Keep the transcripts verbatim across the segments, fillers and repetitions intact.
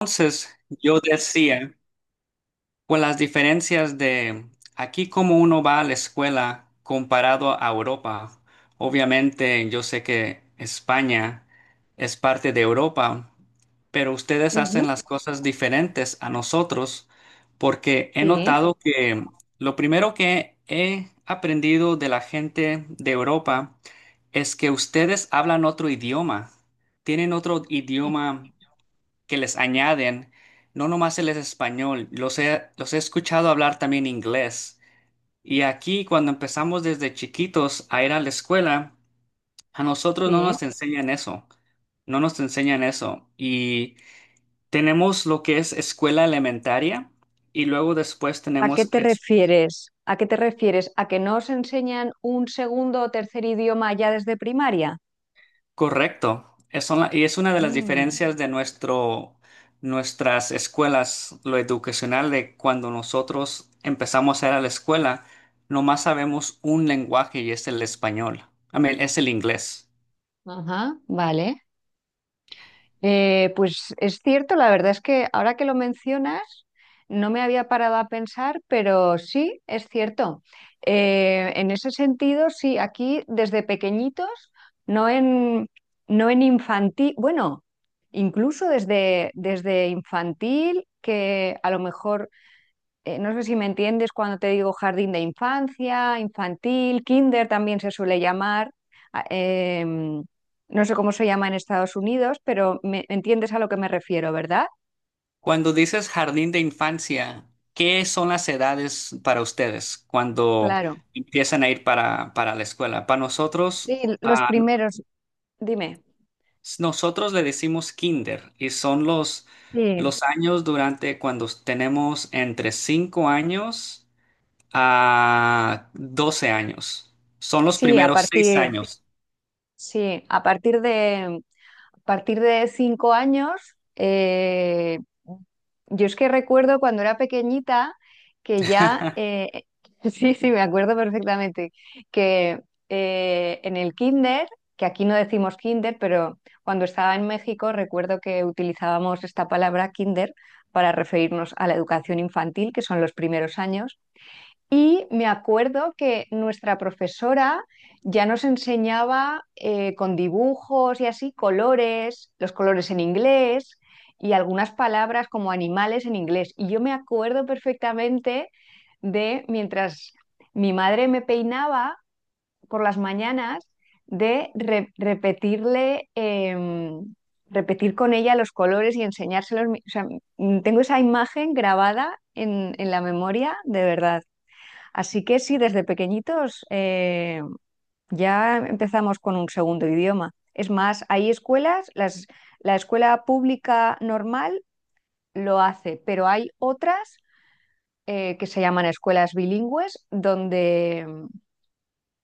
Entonces, yo decía, con las diferencias de aquí como uno va a la escuela comparado a Europa. Obviamente yo sé que España es parte de Europa, pero ustedes Ujú. hacen las cosas diferentes a nosotros porque he Sí, notado que lo primero que he aprendido de la gente de Europa es que ustedes hablan otro idioma, tienen otro idioma que les añaden, no nomás el español. Los he, los he escuchado hablar también inglés. Y aquí, cuando empezamos desde chiquitos a ir a la escuela, a nosotros no sí. nos enseñan eso, no nos enseñan eso. Y tenemos lo que es escuela elementaria y luego después ¿A qué tenemos... te refieres? ¿A qué te refieres? ¿A que no os enseñan un segundo o tercer idioma ya desde primaria? Correcto. Es una- y es una de las Mm. diferencias de nuestro, nuestras escuelas, lo educacional, de cuando nosotros empezamos a ir a la escuela, nomás sabemos un lenguaje y es el español. I mean, es el inglés. Ajá, vale. Eh, pues es cierto, la verdad es que ahora que lo mencionas, no me había parado a pensar, pero sí, es cierto. Eh, en ese sentido, sí, aquí desde pequeñitos, no en, no en infantil, bueno, incluso desde, desde infantil, que a lo mejor eh, no sé si me entiendes cuando te digo jardín de infancia, infantil, kinder también se suele llamar. a- em, no sé cómo se llama en Estados Unidos, pero me entiendes a lo que me refiero, ¿verdad? Cuando dices jardín de infancia, ¿qué son las edades para ustedes cuando Claro. empiezan a ir para, para la escuela? Para Sí, nosotros, los ah, primeros, dime. nosotros le decimos kinder y son los, Sí, los años durante cuando tenemos entre cinco años a doce años. Son los sí, a primeros seis partir, años. sí, a partir de a partir de cinco años, eh, yo es que recuerdo cuando era pequeñita que ya, eh, sí, sí, me acuerdo perfectamente, que eh, en el kinder, que aquí no decimos kinder, pero cuando estaba en México recuerdo que utilizábamos esta palabra kinder para referirnos a la educación infantil, que son los primeros años, y me acuerdo que nuestra profesora ya nos enseñaba eh, con dibujos y así colores, los colores en inglés y algunas palabras como animales en inglés. Y yo me acuerdo perfectamente de mientras mi madre me peinaba por las mañanas, de re- repetirle, em, repetir con ella los colores y enseñárselos. O sea, tengo esa imagen grabada en en la memoria, de verdad. Así que sí, desde pequeñitos eh, ya empezamos con un segundo idioma. Es más, hay escuelas, las- la escuela pública normal lo hace, pero hay otras eh, que se llaman escuelas bilingües, donde,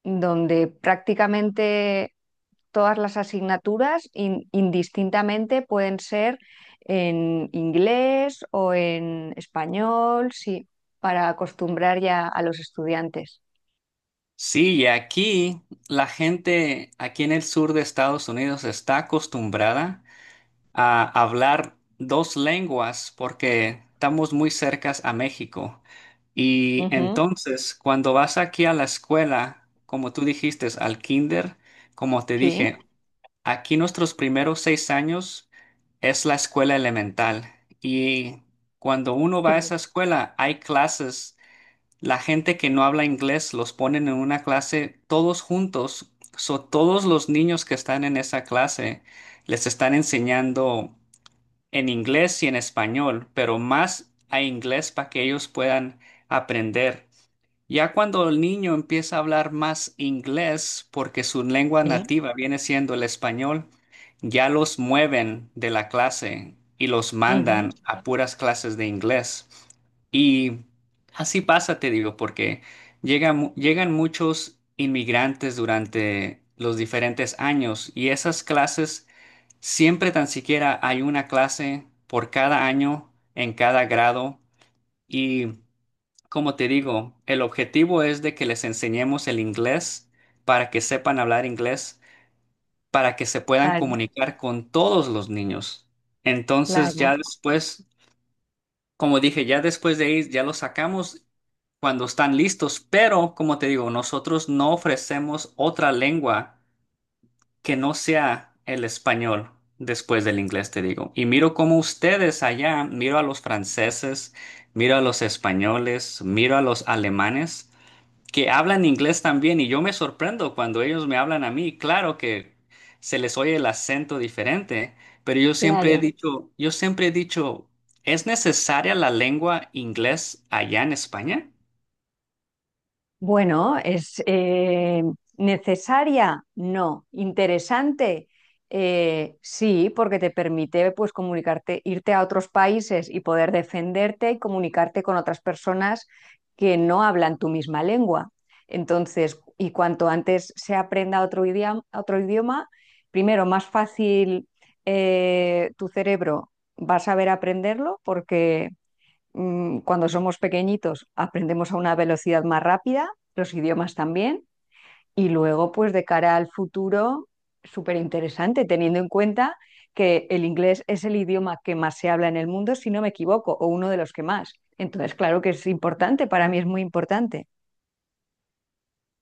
donde prácticamente todas las asignaturas in- indistintamente pueden ser en inglés o en español, sí, para acostumbrar ya a los estudiantes. Sí, y aquí la gente, aquí en el sur de Estados Unidos está acostumbrada a hablar dos lenguas porque estamos muy cercas a México. Y Ujú, entonces, cuando vas aquí a la escuela, como tú dijiste, al kinder, como te sí. dije, aquí nuestros primeros seis años es la escuela elemental. Y cuando uno va Sí, a esa escuela, hay clases. La gente que no habla inglés los ponen en una clase todos juntos. So, todos los niños que están en esa clase les están enseñando en inglés y en español, pero más a inglés para que ellos puedan aprender. Ya cuando el niño empieza a hablar más inglés, porque su lengua sí. nativa viene siendo el español, ya los mueven de la clase y los Ujú. mandan a puras clases de inglés. Y así pasa, te digo, porque llegan, mu- llegan muchos inmigrantes durante los diferentes años y esas clases, siempre tan siquiera hay una clase por cada año en cada grado. Y como te digo, el objetivo es de que les enseñemos el inglés para que sepan hablar inglés, para que se puedan Claro, comunicar con todos los niños. Entonces claro, ya después, como dije, ya después de ahí ya los sacamos cuando están listos, pero como te digo, nosotros no ofrecemos otra lengua que no sea el español después del inglés, te digo. Y miro como ustedes allá, miro a los franceses, miro a los españoles, miro a los alemanes que hablan inglés también y yo me sorprendo cuando ellos me hablan a mí. Claro que se les oye el acento diferente, pero yo siempre he claro. dicho, yo siempre he dicho, ¿es necesaria la lengua inglés allá en España? Bueno, es eh, necesaria, no. Interesante, eh, sí, porque te permite, pues, comunicarte, irte a otros países y poder defenderte y comunicarte con otras personas que no hablan tu misma lengua. Entonces, y cuanto antes se aprenda otro idioma, otro idioma, primero, más fácil eh, tu cerebro va a saber aprenderlo porque mm, cuando somos pequeñitos aprendemos a una velocidad más rápida, los idiomas también, y luego pues de cara al futuro, súper interesante, teniendo en cuenta que el inglés es el idioma que más se habla en el mundo, si no me equivoco, o uno de los que más. Entonces, claro que es importante, para mí es muy importante.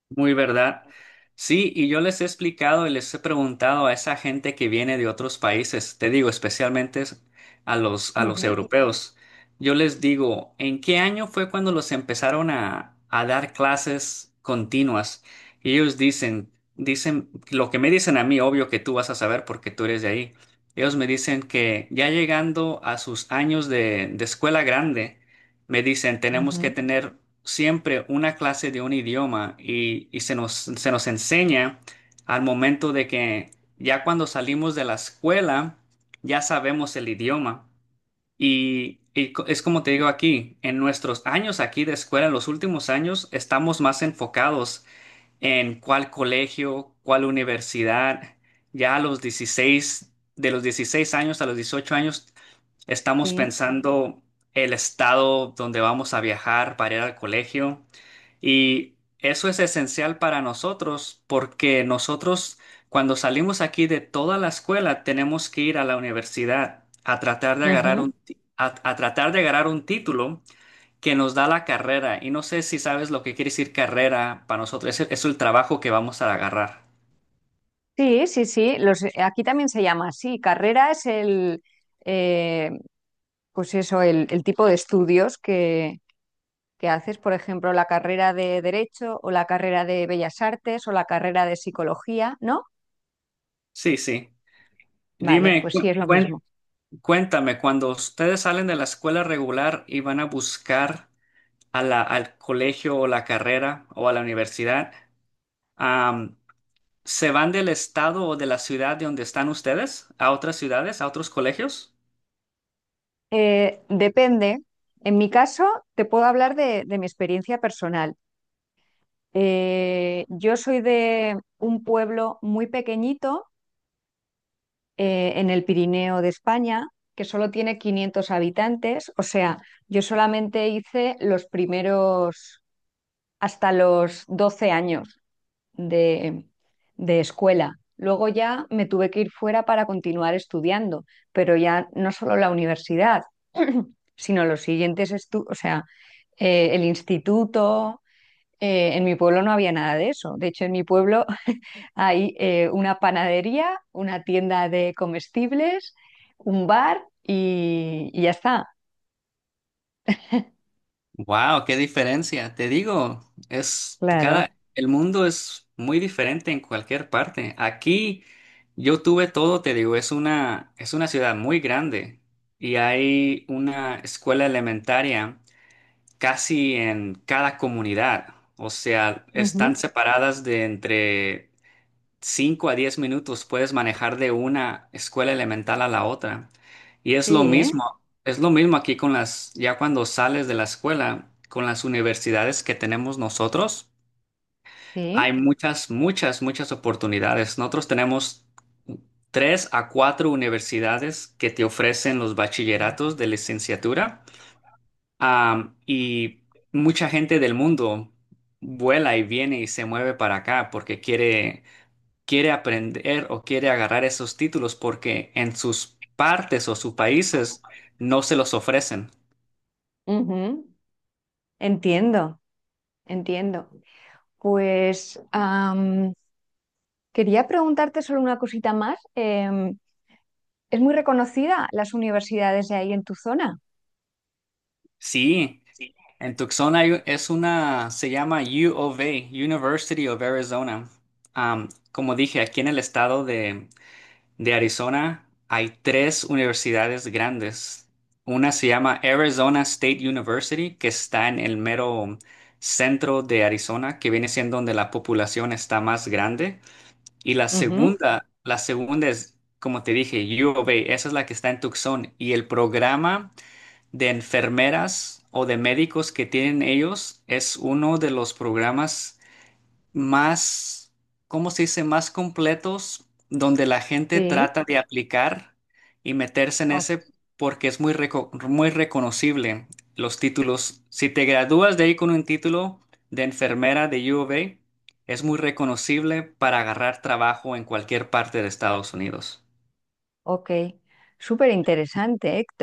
Muy verdad. Sí, y yo les he explicado y les he preguntado a esa gente que viene de otros países, te digo, especialmente es- a los, a los Ujú, europeos. Yo les digo, ¿en qué año fue cuando los empezaron a, a dar clases continuas? Y ellos dicen, dicen, lo que me dicen a mí, obvio que tú vas a saber porque tú eres de ahí. Ellos me dicen que ya llegando a sus años de, de escuela grande, me dicen, tenemos que ujú. tener siempre una clase de un idioma y, y se nos, se nos enseña al momento de que ya cuando salimos de la escuela, ya sabemos el idioma. Y, y co- es como te digo aquí, en nuestros años aquí de escuela, en los últimos años, estamos más enfocados en cuál colegio, cuál universidad. Ya a los dieciséis de los dieciséis años a los dieciocho años, estamos Sí. pensando el estado donde vamos a viajar para ir al colegio. Y eso es esencial para nosotros porque nosotros cuando salimos aquí de toda la escuela tenemos que ir a la universidad a tratar de agarrar Ujú. un, ti- a, a tratar de agarrar un título que nos da la carrera. Y no sé si sabes lo que quiere decir carrera para nosotros. Es el, es el trabajo que vamos a agarrar. Sí, sí, sí. Los, eh, aquí también se llama así. Carrera es el, eh, pues eso, el, el tipo de estudios que que haces, por ejemplo, la carrera de Derecho o la carrera de Bellas Artes o la carrera de Psicología, ¿no? Sí, sí. Vale, Dime, pues cu- sí, es lo mismo. cuen- cuéntame, cuando ustedes salen de la escuela regular y van a buscar a la- al colegio o la carrera o a la universidad, am, ¿se van del estado o de la ciudad de donde están ustedes a otras ciudades, a otros colegios? Eh, depende. En mi caso, te puedo hablar de, de mi experiencia personal. Eh, yo soy de un pueblo muy pequeñito eh, en el Pirineo de España, que solo tiene quinientos habitantes. O sea, yo solamente hice los primeros hasta los doce años de, de escuela. Luego ya me tuve que ir fuera para continuar estudiando, pero ya no solo la universidad, sino los siguientes estudios, o sea, eh, el instituto. Eh, en mi pueblo no había nada de eso. De hecho, en mi pueblo hay eh, una panadería, una tienda de comestibles, un bar y, y ya está. Wow, qué diferencia. Te digo, es Claro. cada, el mundo es muy diferente en cualquier parte. Aquí yo tuve todo, te digo, es una, es una ciudad muy grande y hay una escuela elementaria casi en cada comunidad. O sea, Ujú. están separadas de entre cinco a diez minutos puedes manejar de una escuela elemental a la otra. Y Sí, es lo ¿eh? mismo, es lo mismo aquí con las, ya cuando sales de la escuela, con las universidades que tenemos nosotros, Sí. hay muchas, muchas, muchas oportunidades. Nosotros tenemos tres a cuatro universidades que te ofrecen los bachilleratos de licenciatura. Am, y mucha gente del mundo vuela y viene y se mueve para acá porque quiere quiere aprender o quiere agarrar esos títulos porque en sus partes o sus países no se los ofrecen. Ujú. Entiendo, entiendo. Pues am, quería preguntarte solo una cosita más. Em, ¿es muy reconocida las universidades de ahí en tu zona? Sí, en Tucson hay- es una, se llama U of A, University of Arizona. Am, como dije, aquí en el estado de, de Arizona hay tres universidades grandes. Una se llama Arizona State University, que está en el mero centro de Arizona, que viene siendo donde la población está más grande. Y la Ujú. segunda, la segunda es, como te dije, U of A, esa es la que está en Tucson. Y el programa de enfermeras o de médicos que tienen ellos es uno de los programas más, ¿cómo se dice?, más completos, donde la gente Sí. trata de aplicar y meterse en Oh, ese porque es muy, reco- muy reconocible los títulos. Si te gradúas de ahí con un título de enfermera de U of A, es muy reconocible para agarrar trabajo en cualquier parte de Estados Unidos. ok. Súper interesante, Héctor.